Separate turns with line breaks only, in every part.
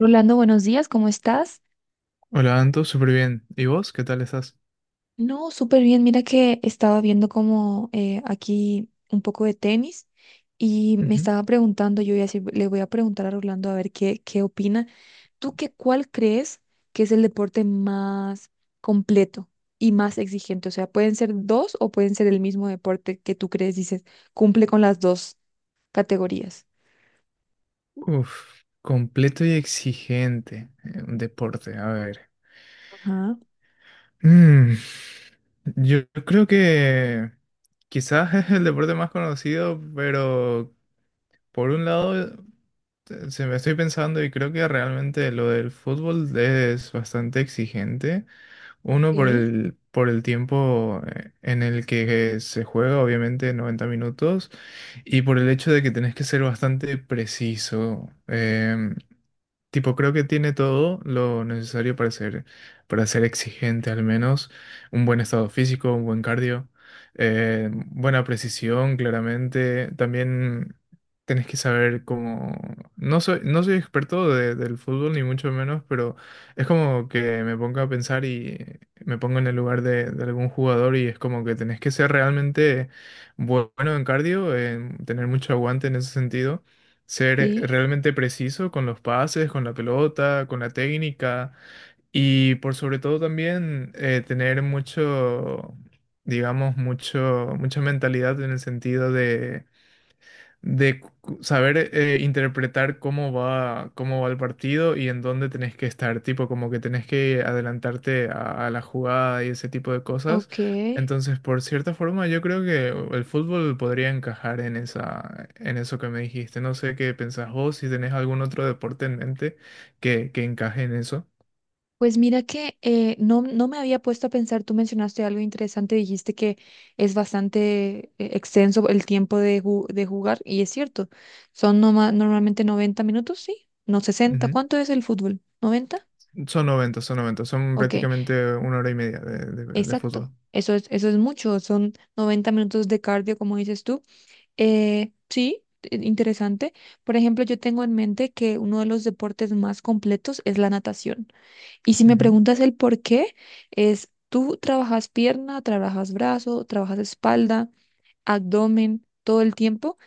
Rolando, buenos días, ¿cómo estás?
Hola, Anto, súper bien. ¿Y vos? ¿Qué tal estás?
No, súper bien. Mira que estaba viendo como aquí un poco de tenis y me
Ujú.
estaba preguntando, yo voy a le voy a preguntar a Rolando a ver qué opina. Cuál crees que es el deporte más completo y más exigente? O sea, pueden ser dos o pueden ser el mismo deporte que tú crees, dices, cumple con las dos categorías.
Uf, completo y exigente. Un deporte, a ver.
Ajá,
Mm, yo creo que quizás es el deporte más conocido, pero por un lado se me estoy pensando y creo que realmente lo del fútbol es bastante exigente. Uno
ok,
por el tiempo en el que se juega, obviamente 90 minutos. Y por el hecho de que tenés que ser bastante preciso. Tipo, creo que tiene todo lo necesario para ser exigente, al menos. Un buen estado físico, un buen cardio, buena precisión, claramente. También tenés que saber cómo... no soy experto del fútbol, ni mucho menos, pero es como que me pongo a pensar y me pongo en el lugar de algún jugador y es como que tenés que ser realmente bueno en cardio, en tener mucho aguante en ese sentido, ser
sí,
realmente preciso con los pases, con la pelota, con la técnica, y por sobre todo también tener mucha mentalidad en el sentido de saber interpretar cómo va el partido y en dónde tenés que estar, tipo como que tenés que adelantarte a la jugada y ese tipo de cosas.
ok.
Entonces, por cierta forma, yo creo que el fútbol podría encajar en en eso que me dijiste. No sé qué pensás vos, si tenés algún otro deporte en mente que encaje en eso.
Pues mira que no, no me había puesto a pensar, tú mencionaste algo interesante, dijiste que es bastante extenso el tiempo de jugar y es cierto, son normalmente 90 minutos, sí, no 60.
Ujú.
¿Cuánto es el fútbol? 90.
Son noventa, son
Ok,
prácticamente una hora y media de
exacto,
fútbol.
eso es mucho, son 90 minutos de cardio, como dices tú. Sí, interesante. Por ejemplo, yo tengo en mente que uno de los deportes más completos es la natación. Y si me preguntas el por qué, es tú trabajas pierna, trabajas brazo, trabajas espalda, abdomen, todo el tiempo.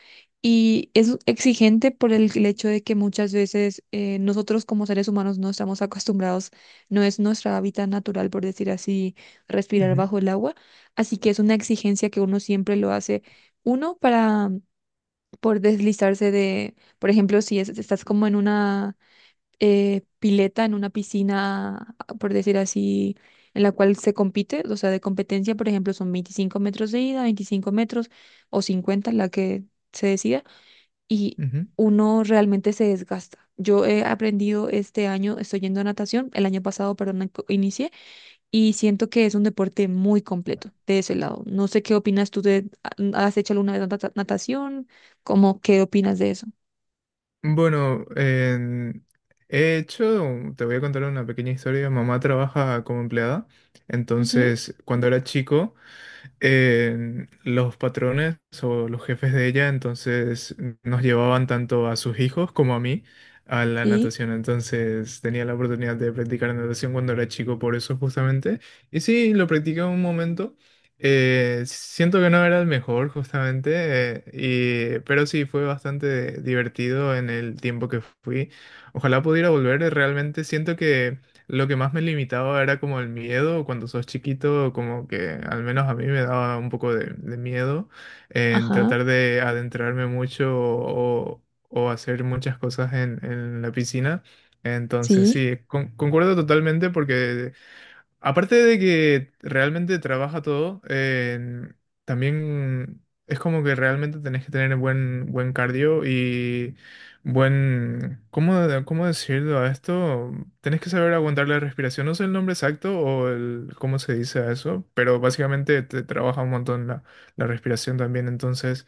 Y es exigente por el hecho de que muchas veces nosotros como seres humanos no estamos acostumbrados, no es nuestra hábitat natural, por decir así, respirar
Ujú,
bajo el agua. Así que es una exigencia que uno siempre lo hace, uno para por deslizarse de, por ejemplo, si es- estás como en una pileta en una piscina, por decir así, en la cual se compite, o sea, de competencia, por ejemplo, son 25 metros de ida, 25 metros o 50, la que se decida, y
ujú, ujú.
uno realmente se desgasta. Yo he aprendido este año, estoy yendo a natación, el año pasado, perdón, inicié, y siento que es un deporte muy completo de ese lado. No sé qué opinas tú de ¿has hecho alguna vez natación? ¿Cómo qué opinas de eso?
Bueno, he hecho, te voy a contar una pequeña historia. Mamá trabaja como empleada,
Ujú,
entonces cuando era chico los patrones o los jefes de ella, entonces nos llevaban tanto a sus hijos como a mí a la
sí,
natación. Entonces tenía la oportunidad de practicar natación cuando era chico, por eso justamente. Y sí, lo practiqué un momento. Siento que no era el mejor, justamente, pero sí fue bastante divertido en el tiempo que fui. Ojalá pudiera volver. Realmente siento que lo que más me limitaba era como el miedo. Cuando sos chiquito, como que al menos a mí me daba un poco de miedo en
ajá,
tratar de adentrarme mucho o hacer muchas cosas en la piscina. Entonces,
sí,
sí, concuerdo totalmente. Porque aparte de que realmente trabaja todo, también es como que realmente tenés que tener buen cardio y buen... ¿Cómo, cómo decirlo a esto? Tenés que saber aguantar la respiración. No sé el nombre exacto o el, cómo se dice a eso, pero básicamente te trabaja un montón la respiración también. Entonces,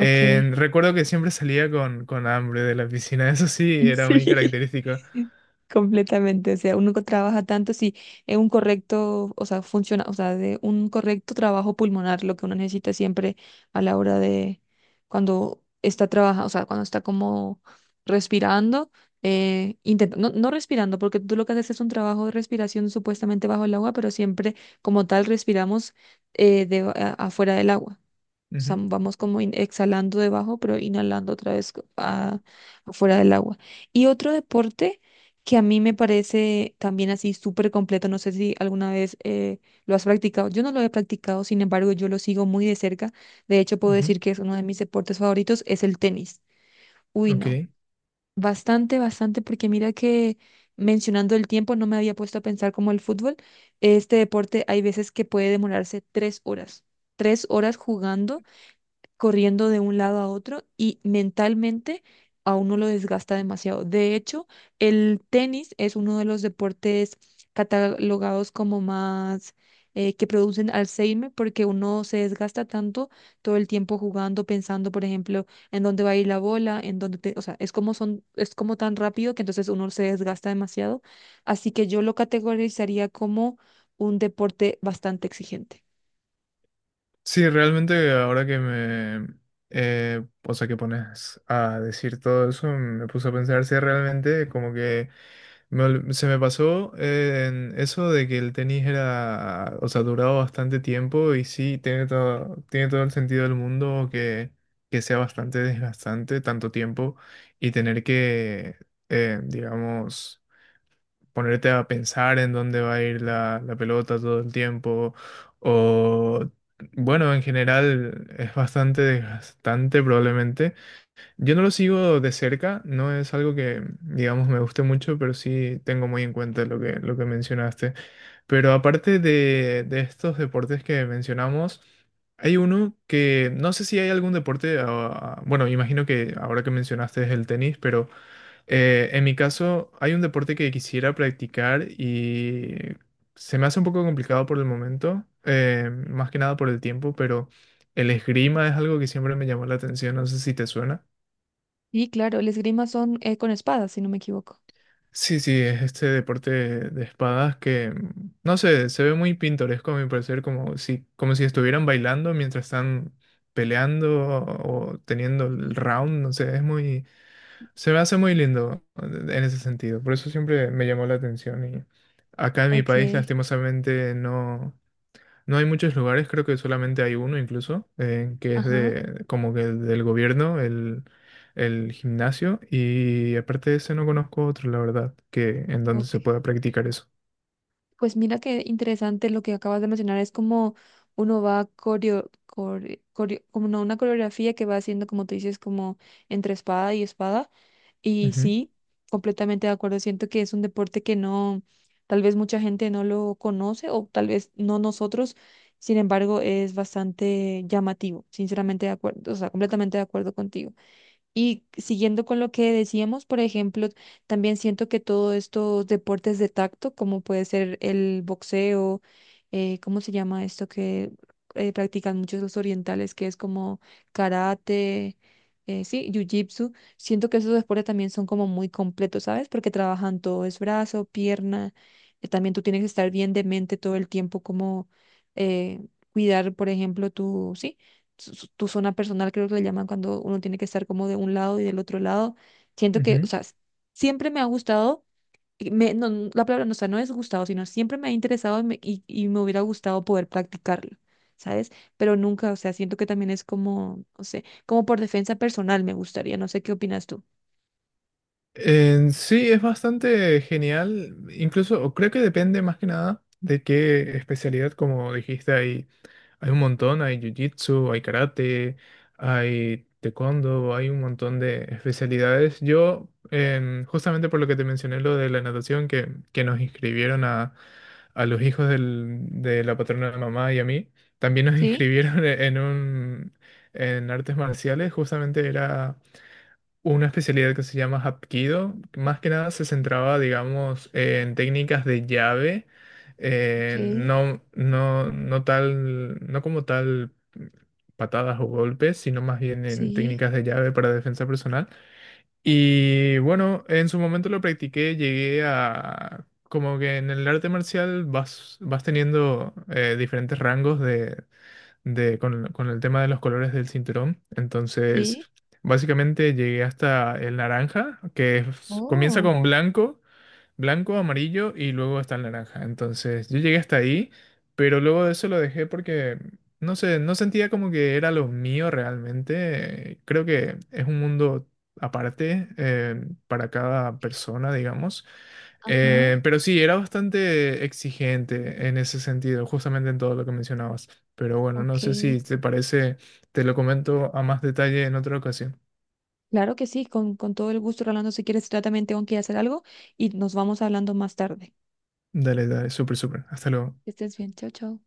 ok.
recuerdo que siempre salía con hambre de la piscina. Eso sí, era muy
Sí,
característico.
completamente. O sea, uno que trabaja tanto, sí, es un correcto, o sea, funciona, o sea, de un correcto trabajo pulmonar, lo que uno necesita siempre a la hora de cuando está trabajando, o sea, cuando está como respirando, intenta, no, no respirando, porque tú lo que haces es un trabajo de respiración supuestamente bajo el agua, pero siempre como tal respiramos afuera del agua,
Ujú,
vamos como exhalando debajo, pero inhalando otra vez afuera del agua. Y otro deporte que a mí me parece también así súper completo, no sé si alguna vez lo has practicado. Yo no lo he practicado, sin embargo, yo lo sigo muy de cerca. De hecho, puedo
ujú,
decir que es uno de mis deportes favoritos, es el tenis. Uy,
ok.
no. Bastante, bastante, porque mira que mencionando el tiempo no me había puesto a pensar como el fútbol. Este deporte hay veces que puede demorarse 3 horas. 3 horas jugando, corriendo de un lado a otro y mentalmente a uno lo desgasta demasiado. De hecho, el tenis es uno de los deportes catalogados como más que producen Alzheimer porque uno se desgasta tanto todo el tiempo jugando, pensando, por ejemplo, en dónde va a ir la bola, en o sea, es como tan rápido que entonces uno se desgasta demasiado. Así que yo lo categorizaría como un deporte bastante exigente.
Sí, realmente o sea, que pones a decir todo eso, me puse a pensar si realmente, como que se me pasó en eso de que el tenis era, o sea, duraba bastante tiempo, y sí, tiene todo el sentido del mundo que sea bastante desgastante tanto tiempo y tener digamos, ponerte a pensar en dónde va a ir la pelota todo el tiempo. O, bueno, en general es bastante desgastante probablemente. Yo no lo sigo de cerca, no es algo que, digamos, me guste mucho, pero sí tengo muy en cuenta lo que mencionaste. Pero aparte de estos deportes que mencionamos, hay uno que no sé si hay algún deporte, ah, bueno, imagino que ahora que mencionaste es el tenis, pero en mi caso, hay un deporte que quisiera practicar y se me hace un poco complicado por el momento, más que nada por el tiempo, pero el esgrima es algo que siempre me llamó la atención, no sé si te suena.
Y claro, el esgrima son con espadas, si no me equivoco.
Sí, sí, es este deporte de espadas que, no sé, se ve muy pintoresco a mi parecer, como si estuvieran bailando mientras están peleando o teniendo el
Ujú.
round, no sé, es muy... Se me hace muy lindo en ese sentido, por eso siempre me llamó la atención. Y acá en mi
Ok,
país lastimosamente no, no hay muchos lugares, creo que solamente hay uno incluso, que es
ajá,
de como que del gobierno, el gimnasio, y aparte de ese no conozco otro, la verdad, que en donde se
ok.
pueda practicar eso.
Pues mira qué interesante lo que acabas de mencionar, es como uno va como una coreografía que va haciendo, como tú dices, como entre espada y espada. Y sí, completamente de acuerdo, siento que es un deporte que no, tal vez mucha gente no lo conoce o tal vez no nosotros, sin embargo, es bastante llamativo, sinceramente de acuerdo, o sea, completamente de acuerdo contigo. Y siguiendo con lo que decíamos, por ejemplo, también siento que todos estos deportes de tacto, como puede ser el boxeo, ¿cómo se llama esto que practican muchos los orientales, que es como karate, sí, jiu-jitsu? Siento que esos deportes también son como muy completos, ¿sabes? Porque trabajan todo, es brazo, pierna, también tú tienes que estar bien de mente todo el tiempo, como eh, cuidar, por ejemplo, sí, tu zona personal, creo que le llaman, cuando uno tiene que estar como de un lado y del otro lado. Siento
Ujú,
que, o
ujú.
sea, siempre me ha gustado, y me, no, no, la palabra no, o sea, no es gustado, sino siempre me ha interesado y y me hubiera gustado poder practicarlo, ¿sabes? Pero nunca, o sea, siento que también es como, no sé, como por defensa personal me gustaría, no sé qué opinas tú.
En sí, es bastante genial, incluso o creo que depende más que nada de qué especialidad, como dijiste ahí. Hay un montón, hay jiu-jitsu, hay karate, hay taekwondo, hay un montón de especialidades. Yo, justamente por lo que te mencioné, lo de la natación, que nos inscribieron a los hijos de la patrona de mamá y a mí, también nos
Sí,
inscribieron en un, en artes marciales. Justamente era una especialidad que se llama Hapkido. Más que nada se centraba, digamos, en técnicas de llave,
ok,
no tal, no como tal patadas o golpes, sino más bien en
sí,
técnicas de llave para defensa personal. Y bueno, en su momento lo practiqué, llegué a... Como que en el arte marcial vas, vas teniendo diferentes rangos de, con el tema de los colores del cinturón. Entonces,
sí,
básicamente llegué hasta el naranja, que comienza
oh,
con blanco, amarillo y luego está el naranja. Entonces yo llegué hasta ahí, pero luego de eso lo dejé porque no sé, no sentía como que era lo mío realmente. Creo que es un mundo aparte para cada
ok,
persona, digamos.
ajá,
Pero sí, era bastante exigente en ese sentido, justamente en todo lo que mencionabas. Pero bueno,
ok.
no sé si te parece, te lo comento a más detalle en otra ocasión.
Claro que sí, con todo el gusto, Rolando, si quieres, yo también tengo que hacer algo y nos vamos hablando más tarde.
Dale, dale, súper, súper. Hasta luego.
Que estés bien, chao, chao.